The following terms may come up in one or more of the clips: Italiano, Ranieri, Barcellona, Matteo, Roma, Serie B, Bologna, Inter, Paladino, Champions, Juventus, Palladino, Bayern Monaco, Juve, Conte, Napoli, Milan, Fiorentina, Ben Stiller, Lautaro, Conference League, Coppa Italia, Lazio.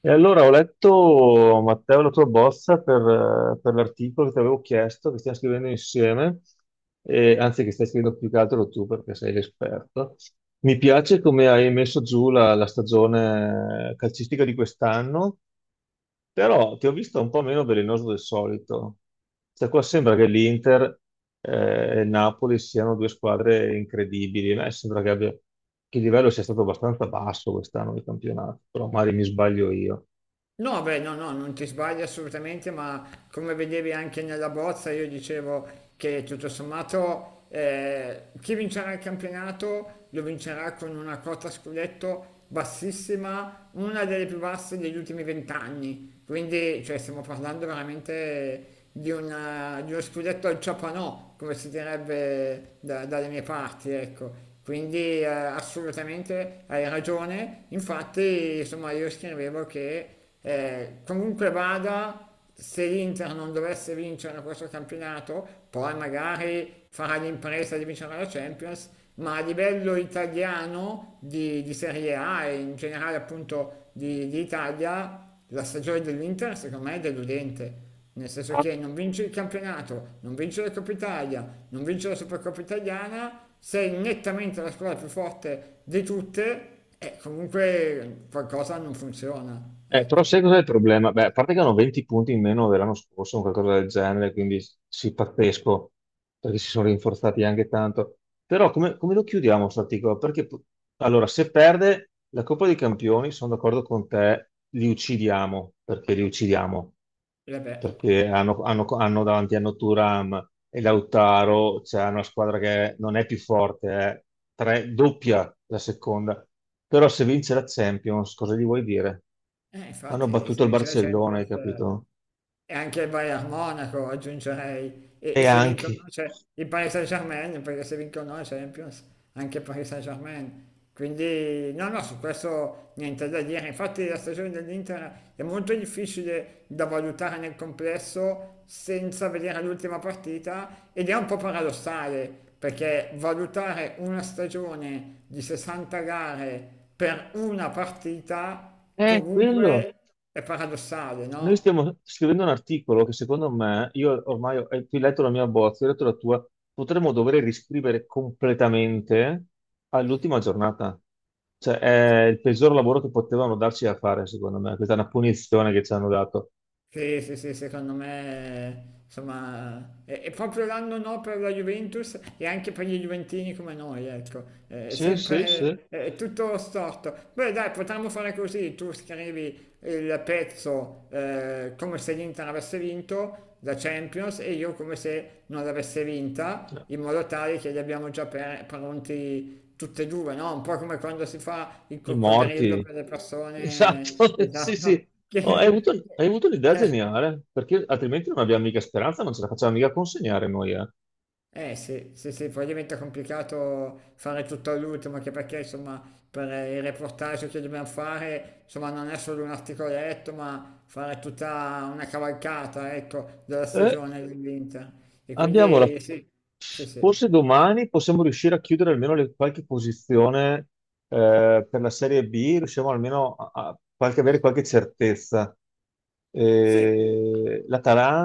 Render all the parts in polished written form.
E allora ho letto, Matteo, la tua bozza per l'articolo che ti avevo chiesto, che stiamo scrivendo insieme, anzi che stai scrivendo più che altro tu perché sei l'esperto. Mi piace come hai messo giù la stagione calcistica di quest'anno, però ti ho visto un po' meno velenoso del solito. Cioè, qua sembra che l'Inter e il Napoli siano due squadre incredibili. A me sembra che il livello sia stato abbastanza basso quest'anno di campionato, però magari mi sbaglio io. No, beh, no, no, non ti sbagli assolutamente, ma come vedevi anche nella bozza, io dicevo che tutto sommato chi vincerà il campionato lo vincerà con una quota scudetto bassissima, una delle più basse degli ultimi 20 anni. Quindi, cioè, stiamo parlando veramente di uno scudetto al ciapanò, come si direbbe dalle mie parti, ecco. Quindi assolutamente hai ragione, infatti insomma io scrivevo che comunque vada, se l'Inter non dovesse vincere questo campionato, poi magari farà l'impresa di vincere la Champions, ma a livello italiano di Serie A e in generale appunto di Italia, la stagione dell'Inter secondo me è deludente. Nel senso che non vince il campionato, non vince la Coppa Italia, non vince la Supercoppa Italiana, sei nettamente la squadra più forte di tutte, comunque qualcosa non funziona, Però ecco. sai cos'è il problema? Beh, a parte che hanno 20 punti in meno dell'anno scorso, o qualcosa del genere, quindi sì, pazzesco, perché si sono rinforzati anche tanto. Però come lo chiudiamo sto articolo? Allora, se perde la Coppa dei Campioni, sono d'accordo con te, li uccidiamo E vabbè, perché hanno davanti a Thuram e Lautaro, c'è una squadra che non è più forte, è doppia la seconda. Però se vince la Champions, cosa gli vuoi dire? Hanno infatti battuto se il vince la Barcellona, hai Champions... capito? E anche il Bayern Monaco aggiungerei, e, E e se anche. vincono c'è il Paris Saint-Germain, perché se vincono la Champions, anche il Paris Saint-Germain. Quindi no, no, su questo niente da dire. Infatti la stagione dell'Inter è molto difficile da valutare nel complesso senza vedere l'ultima partita ed è un po' paradossale, perché valutare una stagione di 60 gare per una partita È quello. comunque è paradossale, Noi no? stiamo scrivendo un articolo che secondo me, tu hai letto la mia bozza, io ho letto la tua, potremmo dover riscrivere completamente all'ultima giornata. Cioè, è il peggior lavoro che potevano darci da fare, secondo me. Questa è una punizione che ci hanno dato. Sì, sì, sì, secondo me, insomma, è proprio l'anno no per la Juventus e anche per gli Juventini come noi, ecco. È, sì, Sì, sì, sempre sì. sì. È tutto storto. Beh, dai, potremmo fare così, tu scrivi il pezzo, come se l'Inter avesse vinto la Champions e io come se non l'avesse vinta, in modo tale che li abbiamo già pronti tutti e due, no? Un po' come quando si fa il I coccodrillo morti. per le persone, Esatto, sì, esatto, sì. Oh, hai che... avuto, hai avuto un'idea Eh, geniale, perché altrimenti non abbiamo mica speranza, non ce la facciamo mica consegnare noi. Sì, sì, sì, poi diventa complicato fare tutto all'ultimo, anche perché insomma per il reportage che dobbiamo fare, insomma non è solo un articoletto, ma fare tutta una cavalcata, ecco, della Eh, stagione dell'Inter. E abbiamo la quindi sì, sì, sì. Forse domani possiamo riuscire a chiudere almeno qualche posizione, per la Serie B, riusciamo almeno a avere qualche certezza. Sì,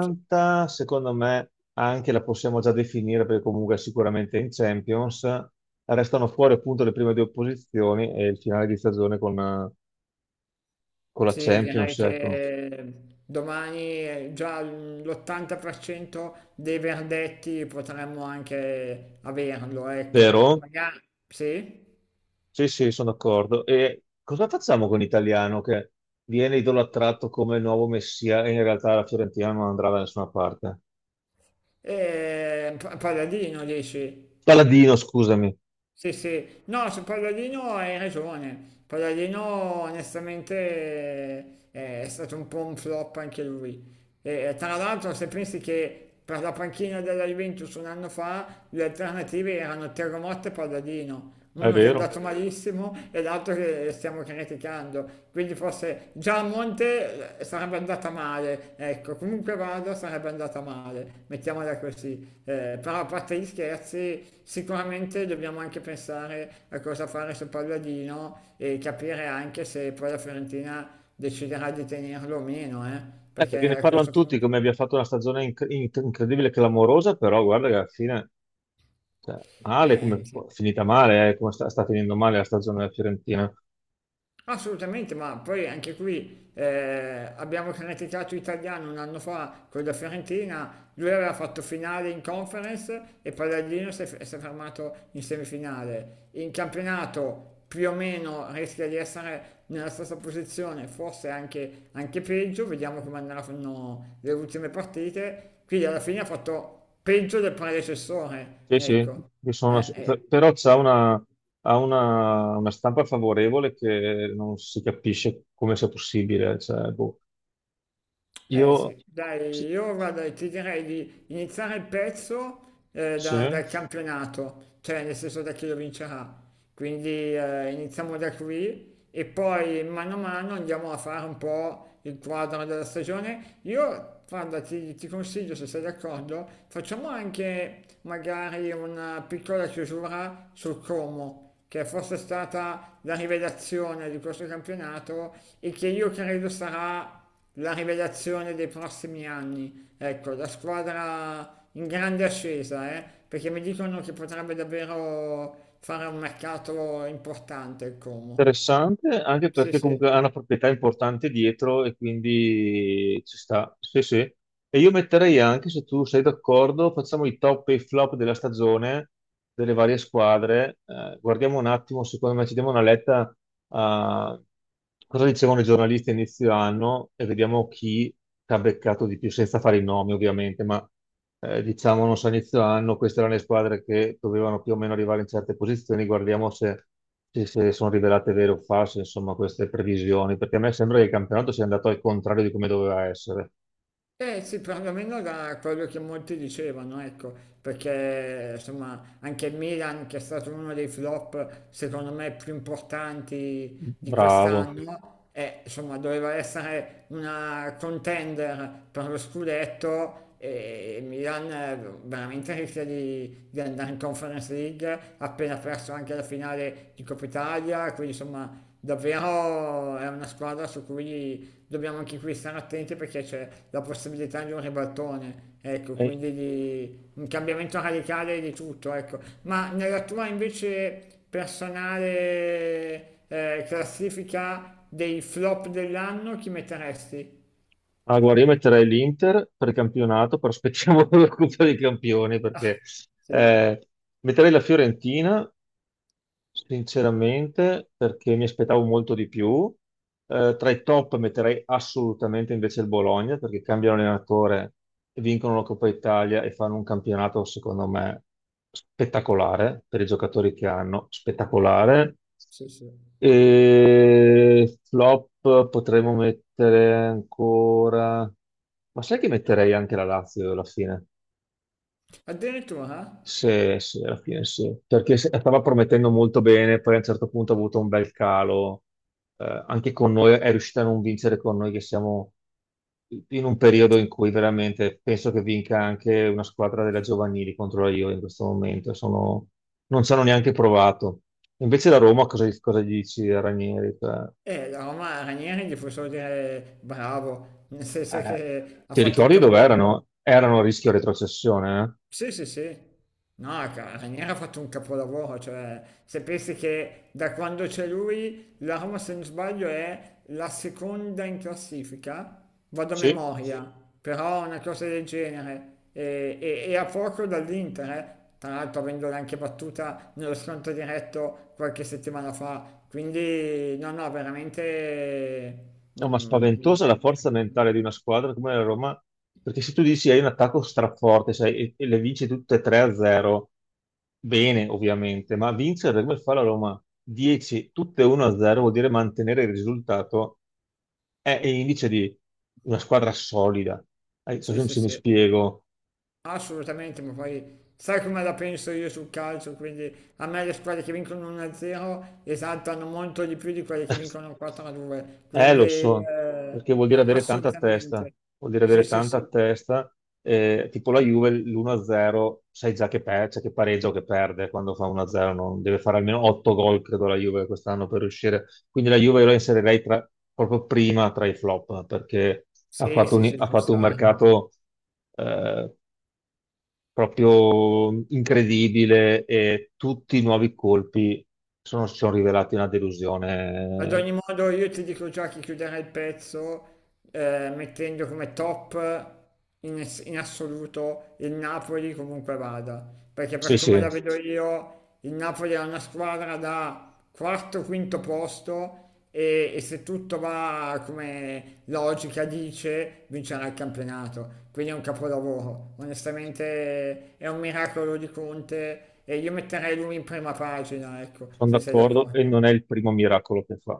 sì, secondo me, anche la possiamo già definire perché comunque è sicuramente in Champions. Restano fuori appunto le prime due posizioni e il finale di stagione con la sì, direi Champions, ecco. che domani, già l'80% dei verdetti potremmo anche averlo, ecco. Vero? Magari, sì? Sì, sì, sono d'accordo. E cosa facciamo con l'italiano che viene idolatrato come il nuovo messia e in realtà la Fiorentina non andrà da nessuna parte? Palladino dici? Paladino, scusami. Sì, sì. No, su Palladino hai ragione. Palladino onestamente, è stato un po' un flop anche lui. E, tra l'altro, se pensi che per la panchina della Juventus un anno fa le alternative erano Terremoto e Palladino, È uno che è vero. andato malissimo e l'altro che stiamo criticando, quindi forse già a Monte, sarebbe andata male, ecco, comunque vada sarebbe andata male, mettiamola così. Però a parte gli scherzi sicuramente dobbiamo anche pensare a cosa fare su Palladino e capire anche se poi la Fiorentina deciderà di tenerlo o meno, Perché perché ne a parlano questo tutti punto... come abbia fatto una stagione incredibile e clamorosa, però guarda che alla fine, cioè, male, Eh, come, finita male, come sta finendo male la stagione della Fiorentina. assolutamente, ma poi anche qui, abbiamo criticato Italiano un anno fa con la Fiorentina, lui aveva fatto finale in conference e Palladino si è fermato in semifinale. In campionato più o meno rischia di essere nella stessa posizione, forse anche, anche peggio, vediamo come andranno le ultime partite. Quindi alla fine ha fatto peggio del predecessore, Sì, sì, ecco. Sì, sì. però c'ha una, ha una stampa favorevole che non si capisce come sia possibile. Cioè, boh. Eh Io sì, dai, sì, io guarda, ti direi di iniziare il pezzo, sì, dal campionato, cioè nel senso da chi lo vincerà. Quindi iniziamo da qui e poi mano a mano andiamo a fare un po' il quadro della stagione. Io, guarda, ti consiglio, se sei d'accordo, facciamo anche magari una piccola chiusura sul Como, che forse stata la rivelazione di questo campionato e che io credo sarà la rivelazione dei prossimi anni. Ecco, la squadra in grande ascesa, perché mi dicono che potrebbe davvero fare un mercato importante il Como. interessante anche Sì, perché sì. comunque ha una proprietà importante dietro e quindi ci sta. Sì, sì. E io metterei anche, se tu sei d'accordo, facciamo i top e i flop della stagione delle varie squadre. Guardiamo un attimo, secondo me ci diamo una letta cosa dicevano i giornalisti a inizio anno e vediamo chi ti ha beccato di più, senza fare i nomi ovviamente, ma diciamo, non so, a inizio anno queste erano le squadre che dovevano più o meno arrivare in certe posizioni, guardiamo se sono rivelate vere o false, insomma, queste previsioni, perché a me sembra che il campionato sia andato al contrario di come doveva essere. Eh sì, perlomeno da quello che molti dicevano, ecco, perché insomma anche il Milan, che è stato uno dei flop secondo me più importanti di Bravo. quest'anno, insomma doveva essere una contender per lo scudetto e il Milan, veramente rischia di andare in Conference League, ha appena perso anche la finale di Coppa Italia, quindi insomma davvero è una squadra su cui dobbiamo anche qui stare attenti perché c'è la possibilità di un ribaltone, ecco, Eh, quindi di un cambiamento radicale di tutto, ecco. Ma nella tua invece personale, classifica dei flop dell'anno chi metteresti? guarda, io metterei l'Inter per campionato, però aspettiamo la Coppa dei Campioni, perché Sì, eh, metterei la Fiorentina sinceramente, perché mi aspettavo molto di più. Tra i top metterei assolutamente invece il Bologna, perché cambiano allenatore, vincono la Coppa Italia e fanno un campionato, secondo me, spettacolare per i giocatori che hanno, spettacolare. sì, sì. E flop potremmo mettere ancora. Ma sai che metterei anche la Lazio alla fine? Addirittura? Sì, sì, alla fine sì, perché stava promettendo molto bene, poi a un certo punto ha avuto un bel calo. Anche con noi è riuscita a non vincere con noi che siamo in un periodo in cui veramente penso che vinca anche una squadra della giovanili contro la Juve in questo momento. Non ci hanno neanche provato. Invece la Roma cosa gli dici a Ranieri? Cioè, La Roma Ranieri gli puoi solo dire bravo, nel senso eh, che ha ti fatto un ricordi dove capolavoro. erano? Erano a rischio retrocessione, eh? Sì, sì, sì. No, Ranieri ha fatto un capolavoro, cioè se pensi che da quando c'è lui la Roma, se non sbaglio, è la seconda in classifica, vado a Sì. memoria, però una cosa del genere, e a poco dall'Inter, eh. Tra l'altro avendola anche battuta nello scontro diretto qualche settimana fa, quindi no, no, veramente... No, ma Mm, spaventosa la forza mentale di una squadra come la Roma, perché se tu dici hai un attacco straforte, sai, e le vinci tutte 3-0, bene ovviamente, ma vincere come fa la Roma 10, tutte 1-0 vuol dire mantenere il risultato, è indice di una squadra solida. Non so sì, se mi sì, se mi sì. spiego. Assolutamente, ma poi sai come la penso io sul calcio, quindi a me le squadre che vincono 1-0 esaltano molto di più di quelle che vincono 4-2, Eh, quindi lo so, perché vuol dire a- avere tanta testa, assolutamente. vuol dire Sì, avere sì, tanta sì, testa, tipo la Juve l'1-0, sai già che, cioè che pareggia o che perde quando fa 1-0, deve fare almeno 8 gol, credo, la Juve quest'anno per riuscire. Quindi la Juve io la inserirei proprio prima tra i flop, perché ha sì, fatto sì, un, sì, ha ci fatto un sta. mercato eh, proprio incredibile e tutti i nuovi colpi si sono rivelati una Ad delusione. ogni modo io ti dico già che chiuderei il pezzo, mettendo come top in assoluto il Napoli comunque vada, perché per Sì, come sì. la vedo io il Napoli è una squadra da quarto, quinto posto e se tutto va come logica dice vincerà il campionato, quindi è un capolavoro, onestamente è un miracolo di Conte e io metterei lui in prima pagina, ecco, Sono se sei d'accordo e d'accordo. non è il primo miracolo che fa.